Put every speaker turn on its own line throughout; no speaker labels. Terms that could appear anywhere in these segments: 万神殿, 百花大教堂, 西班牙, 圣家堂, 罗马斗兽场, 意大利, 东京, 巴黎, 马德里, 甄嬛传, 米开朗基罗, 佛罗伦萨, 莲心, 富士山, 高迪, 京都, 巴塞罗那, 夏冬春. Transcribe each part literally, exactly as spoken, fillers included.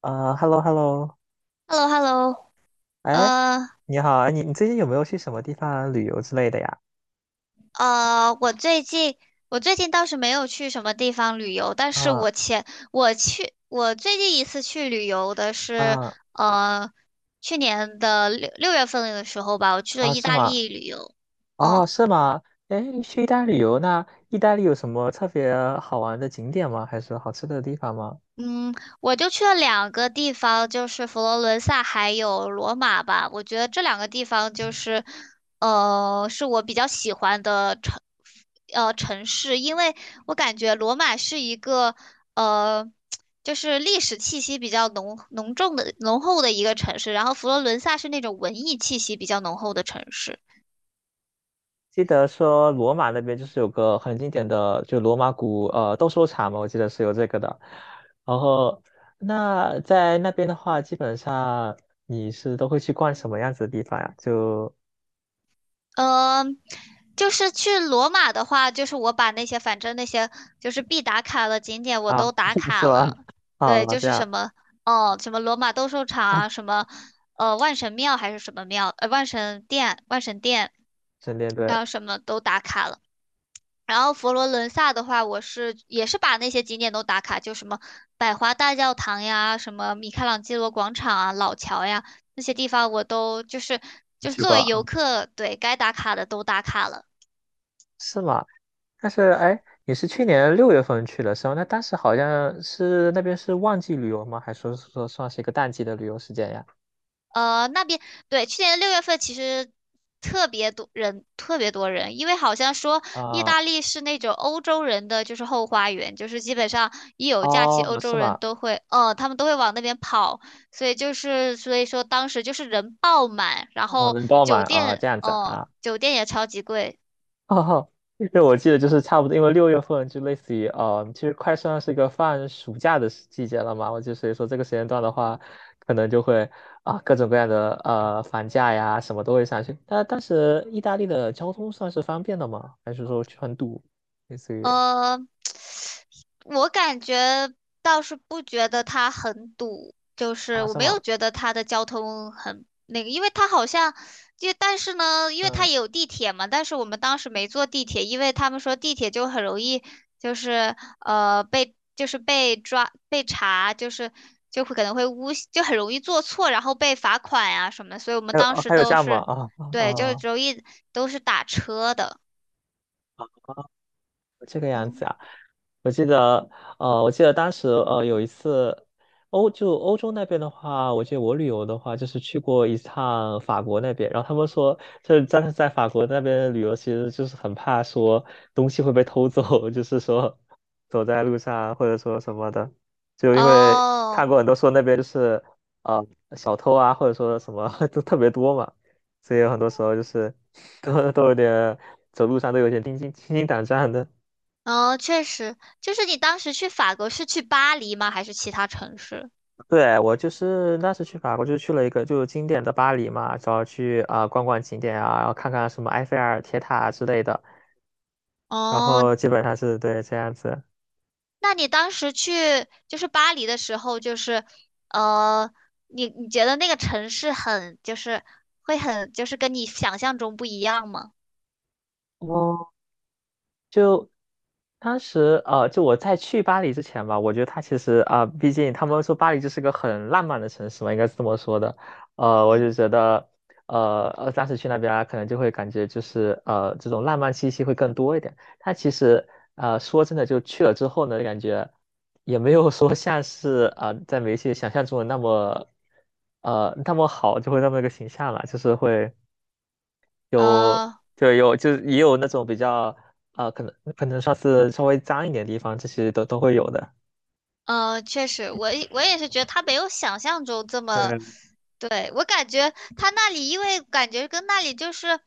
啊，hello hello，
h e l l o h e l l o
哎，
呃
你好，哎，你你最近有没有去什么地方旅游之类的呀？
呃，我最近我最近倒是没有去什么地方旅游，但是
啊
我前我去我最近一次去旅游的是
啊
呃去年的六六月份的时候吧，我去了
啊，
意
是
大
吗？
利旅游。
哦，
嗯
是吗？哎，你去意大利旅游，那意大利有什么特别好玩的景点吗？还是好吃的地方吗？
嗯，我就去了两个地方，就是佛罗伦萨还有罗马吧。我觉得这两个地方就是，呃，是我比较喜欢的城，呃，城市，因为我感觉罗马是一个，呃，就是历史气息比较浓浓重的浓厚的一个城市，然后佛罗伦萨是那种文艺气息比较浓厚的城市。
记得说罗马那边就是有个很经典的，就罗马古呃斗兽场嘛，我记得是有这个的。然后那在那边的话，基本上你是都会去逛什么样子的地方呀？就
呃，就是去罗马的话，就是我把那些反正那些就是必打卡的景点我
啊，
都打
是
卡
吧？
了。对，
啊，
就
这
是什
样。
么哦，什么罗马斗兽场
那
啊，什么呃万神庙还是什么庙，呃万神殿、万神殿，
神殿对
然后什么都打卡了。然后佛罗伦萨的话，我是也是把那些景点都打卡，就什么百花大教堂呀，什么米开朗基罗广场啊、老桥呀那些地方，我都就是
你
就是
去
作
过
为游
啊
客，对该打卡的都打卡了。
是吗？但是哎，你是去年六月份去的时候，那当时好像是那边是旺季旅游吗？还是说说算是一个淡季的旅游时间呀？
呃，那边对，去年六月份其实特别多人，特别多人，因为好像说意
啊、
大利是那种欧洲人的就是后花园，就是基本上一有假期，
哦，
欧洲
是
人
吗？
都会，呃，他们都会往那边跑，所以就是所以说当时就是人爆满，然
啊、
后
人爆满
酒
啊，
店，
这样子
嗯，
啊，
酒店也超级贵，
哦，对，我记得就是差不多，因为六月份就类似于，呃，其实快算是一个放暑假的时季节了嘛。我就所以说这个时间段的话，可能就会啊、各种各样的呃房价呀什么都会上去。那当时意大利的交通算是方便的吗？还是说去很堵？类似于
呃，我感觉倒是不觉得它很堵，就是
啊
我
是
没
吗？
有觉得它的交通很那个，因为它好像就但是呢，因为它
嗯，
也有地铁嘛，但是我们当时没坐地铁，因为他们说地铁就很容易就是呃被就是被抓被查，就是就会可能会诬就很容易做错，然后被罚款呀、什么的，所以我们
还有
当
哦
时
还有这
都
样吗？
是
啊啊、
对，就
哦
容易都是打车的。
这个样子
嗯。
啊。我记得，呃，我记得当时，呃，有一次，欧就欧洲那边的话，我记得我旅游的话，就是去过一趟法国那边，然后他们说，就是在在法国那边旅游，其实就是很怕说东西会被偷走，就是说走在路上或者说什么的，就因为
哦，
看过很多说那边就是呃小偷啊，或者说什么 都特别多嘛，所以有很多时候就是 都都有点走路上都有点心惊心惊胆战的。
哦，确实，就是你当时去法国是去巴黎吗？还是其他城市？
对，我就是那次去法国，就去了一个就是经典的巴黎嘛，主要去啊、呃逛逛景点啊，然后看看什么埃菲尔铁塔啊之类的，然
哦，
后基本上是对这样子。
那你当时去就是巴黎的时候，就是呃，你你觉得那个城市很就是会很就是跟你想象中不一样吗？
当时呃，就我在去巴黎之前吧，我觉得它其实啊、毕竟他们说巴黎就是个很浪漫的城市嘛，应该是这么说的。呃，我就
嗯，
觉得，呃呃，当时去那边啊，可能就会感觉就是呃，这种浪漫气息会更多一点。它其实呃，说真的，就去了之后呢，感觉也没有说像是啊、在媒体想象中的那么呃那么好，就会那么一个形象了，就是会。有，
呃
就有，就是也有那种比较啊、呃可能可能上次稍微脏一点的地方，这些都都会有的。
呃，确实，我也我也是觉得它没有想象中这么，
对，
对，我感觉它那里因为感觉跟那里就是。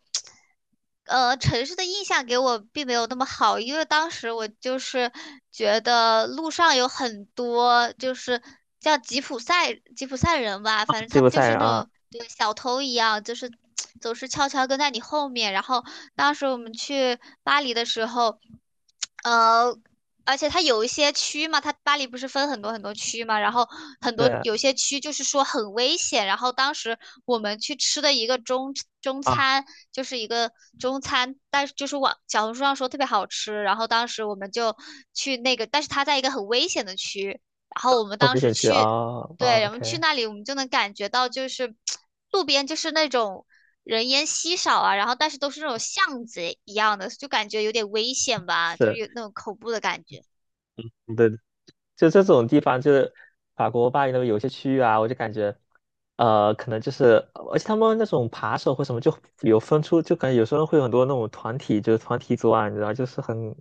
呃，城市的印象给我并没有那么好，因为当时我就是觉得路上有很多就是叫吉普赛吉普赛人吧，反正
吉
他
普
们就
赛
是
人
那
啊，
种对小偷一样，就是 总是悄悄跟在你后面。然后当时我们去巴黎的时候，呃。而且它有一些区嘛，它巴黎不是分很多很多区嘛，然后很多
对
有些区就是说很危险。然后当时我们去吃的一个中中
啊，
餐，就是一个中餐，但是就是网小红书上说特别好吃。然后当时我们就去那个，但是它在一个很危险的区。然后我们
后
当
面
时
选区啊
去，对，我们去
，OK，
那里，我们就能感觉到就是路边就是那种人烟稀少啊，然后但是都是那种巷子一样的，就感觉有点危险吧，就是
是，
有那种恐怖的感觉。
对就这种地方，就是法国巴黎那边有些区域啊，我就感觉，呃，可能就是，而且他们那种扒手或什么就有分出，就感觉有时候会有很多那种团体，就是团体作案，你知道，就是很，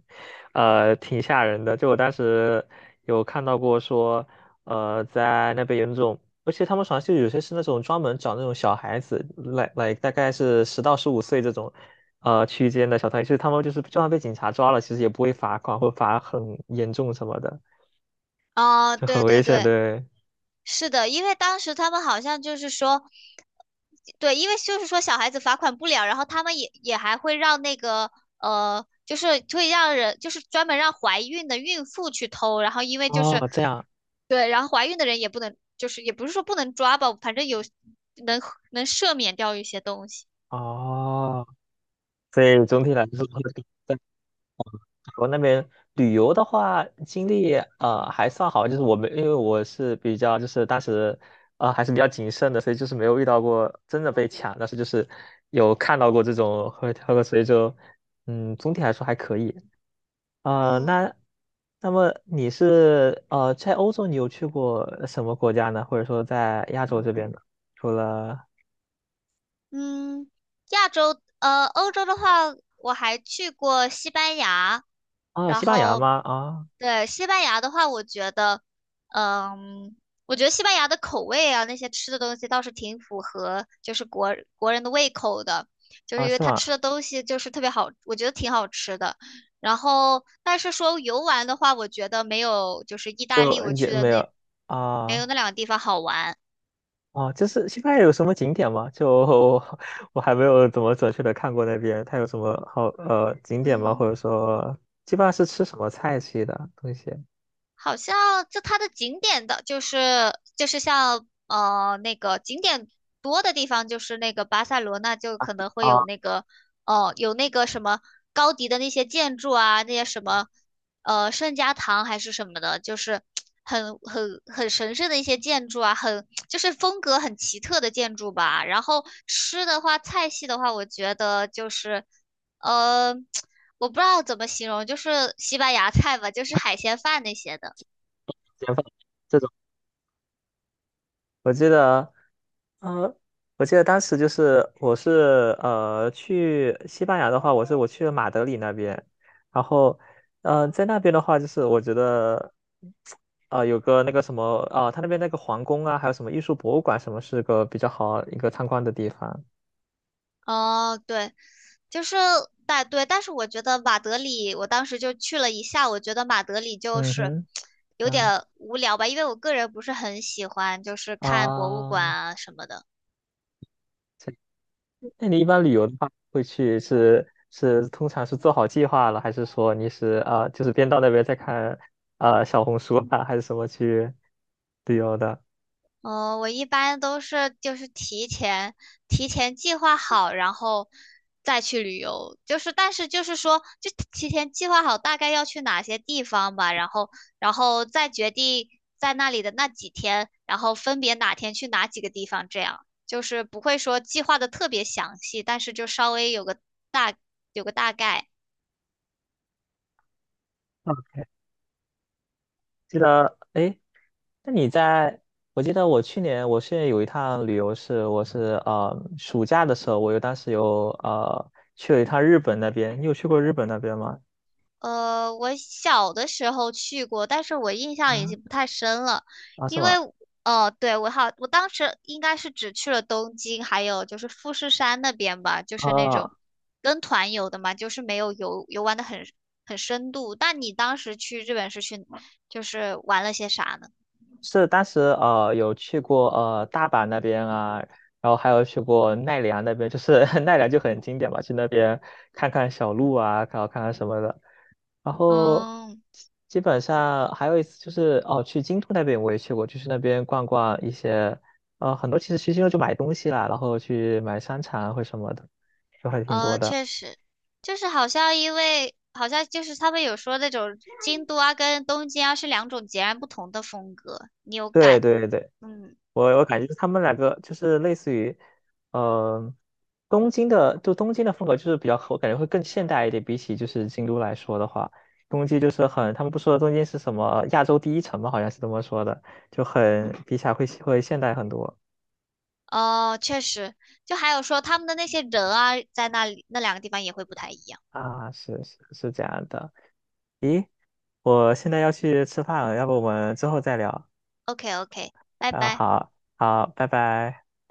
呃，挺吓人的。就我当时有看到过说，呃，在那边有那种，而且他们好像就有些是那种专门找那种小孩子，来来大概是十到十五岁这种。呃，区间的小团体，就是他们就是就算被警察抓了，其实也不会罚款或罚很严重什么的。
哦，
就很
对对
危险，
对，
对。
是的，因为当时他们好像就是说，对，因为就是说小孩子罚款不了，然后他们也也还会让那个呃，就是会让人就是专门让怀孕的孕妇去偷，然后因为就
哦，
是
哦这样
对，然后怀孕的人也不能，就是也不是说不能抓吧，反正有能能赦免掉一些东西。
哦，所以总体来说，在美国那边旅游的话，经历呃还算好，就是我们因为我是比较就是当时呃还是比较谨慎的，所以就是没有遇到过真的被抢，但是就是有看到过这种喝喝个水就嗯总体来说还可以。呃，
嗯
那那么你是呃在欧洲你有去过什么国家呢？或者说在亚洲这边呢？除了
嗯，亚洲，呃，欧洲的话，我还去过西班牙，
啊、
然
西班牙
后，
吗？啊、
对，西班牙的话，我觉得，嗯，我觉得西班牙的口味啊，那些吃的东西倒是挺符合，就是国国人的胃口的，就是
啊，
因为
是
他
吗？
吃的东西就是特别好，我觉得挺好吃的。然后，但是说游玩的话，我觉得没有就是意大利
就
我去
也
的
没
那
有
没有
啊
那两个地方好玩。
啊，就是西班牙有什么景点吗？就 我还没有怎么准确的看过那边，它有什么好呃景点吗？或者
嗯。
说基本上是吃什么菜系的东西
好像就它的景点的，就是就是像呃那个景点多的地方，就是那个巴塞罗那就可能会
啊？
有那个哦、呃有那个什么高迪的那些建筑啊，那些什么呃圣家堂还是什么的，就是很很很神圣的一些建筑啊，很就是风格很奇特的建筑吧。然后吃的话，菜系的话，我觉得就是呃。我不知道怎么形容，就是西班牙菜吧，就是海鲜饭那些的。
简饭这种，我记得。呃，我记得当时就是我是呃去西班牙的话，我是我去了马德里那边，然后呃在那边的话，就是我觉得啊有个那个什么啊、他那边那个皇宫啊，还有什么艺术博物馆什么，是个比较好一个参观的地方。
哦，对，就是但对，但是我觉得马德里，我当时就去了一下，我觉得马德里就
嗯
是
哼，
有
嗯
点无聊吧，因为我个人不是很喜欢，就是
啊，
看博物馆
啊
啊什么的。
那你一般旅游的话，会去是是通常是做好计划了，还是说你是啊、就是边到那边再看啊、小红书啊，还是什么去旅游的？
嗯，我一般都是就是提前提前计划好，然后再去旅游。就是但是就是说，就提前计划好大概要去哪些地方吧，然后然后再决定在那里的那几天，然后分别哪天去哪几个地方，这样就是不会说计划的特别详细，但是就稍微有个大有个大概。
啊，记得，哎，那你在，我记得我去年，我去年有一趟旅游是，我是呃暑假的时候，我有当时有呃去了一趟日本那边，你有去过日本那边吗？
呃，我小的时候去过，但是我印象已
啊
经不太深了，
啊是
因为
吗？
哦，对，我好，我当时应该是只去了东京，还有就是富士山那边吧，就是那
啊，
种跟团游的嘛，就是没有游游玩的很很深度。那你当时去日本是去就是玩了些啥呢？
是当时呃有去过呃大阪那边啊，然后还有去过奈良那边，就是 奈良就很经典嘛，去那边看看小鹿啊，然后看看什么的。然后
嗯，
基本上还有一次就是哦，去京都那边我也去过，就是那边逛逛一些，呃，很多其实去京都就买东西啦，然后去买商场啊或什么的，就还挺多
呃，
的。
确实，就是好像因为好像就是他们有说那种京都啊跟东京啊是两种截然不同的风格，你有
对
感，
对对，
嗯。
我我感觉他们两个就是类似于，呃，东京的就东京的风格就是比较，我感觉会更现代一点，比起就是京都来说的话，东京就是很，他们不说东京是什么亚洲第一城嘛，好像是这么说的，就很比起来会会现代很多。
哦，确实，就还有说他们的那些人啊，在那里那两个地方也会不太一样。
啊，是是是这样的。咦，我现在要去吃饭了，要不我们之后再聊？
OK OK，拜
啊，
拜。
好，好，拜拜。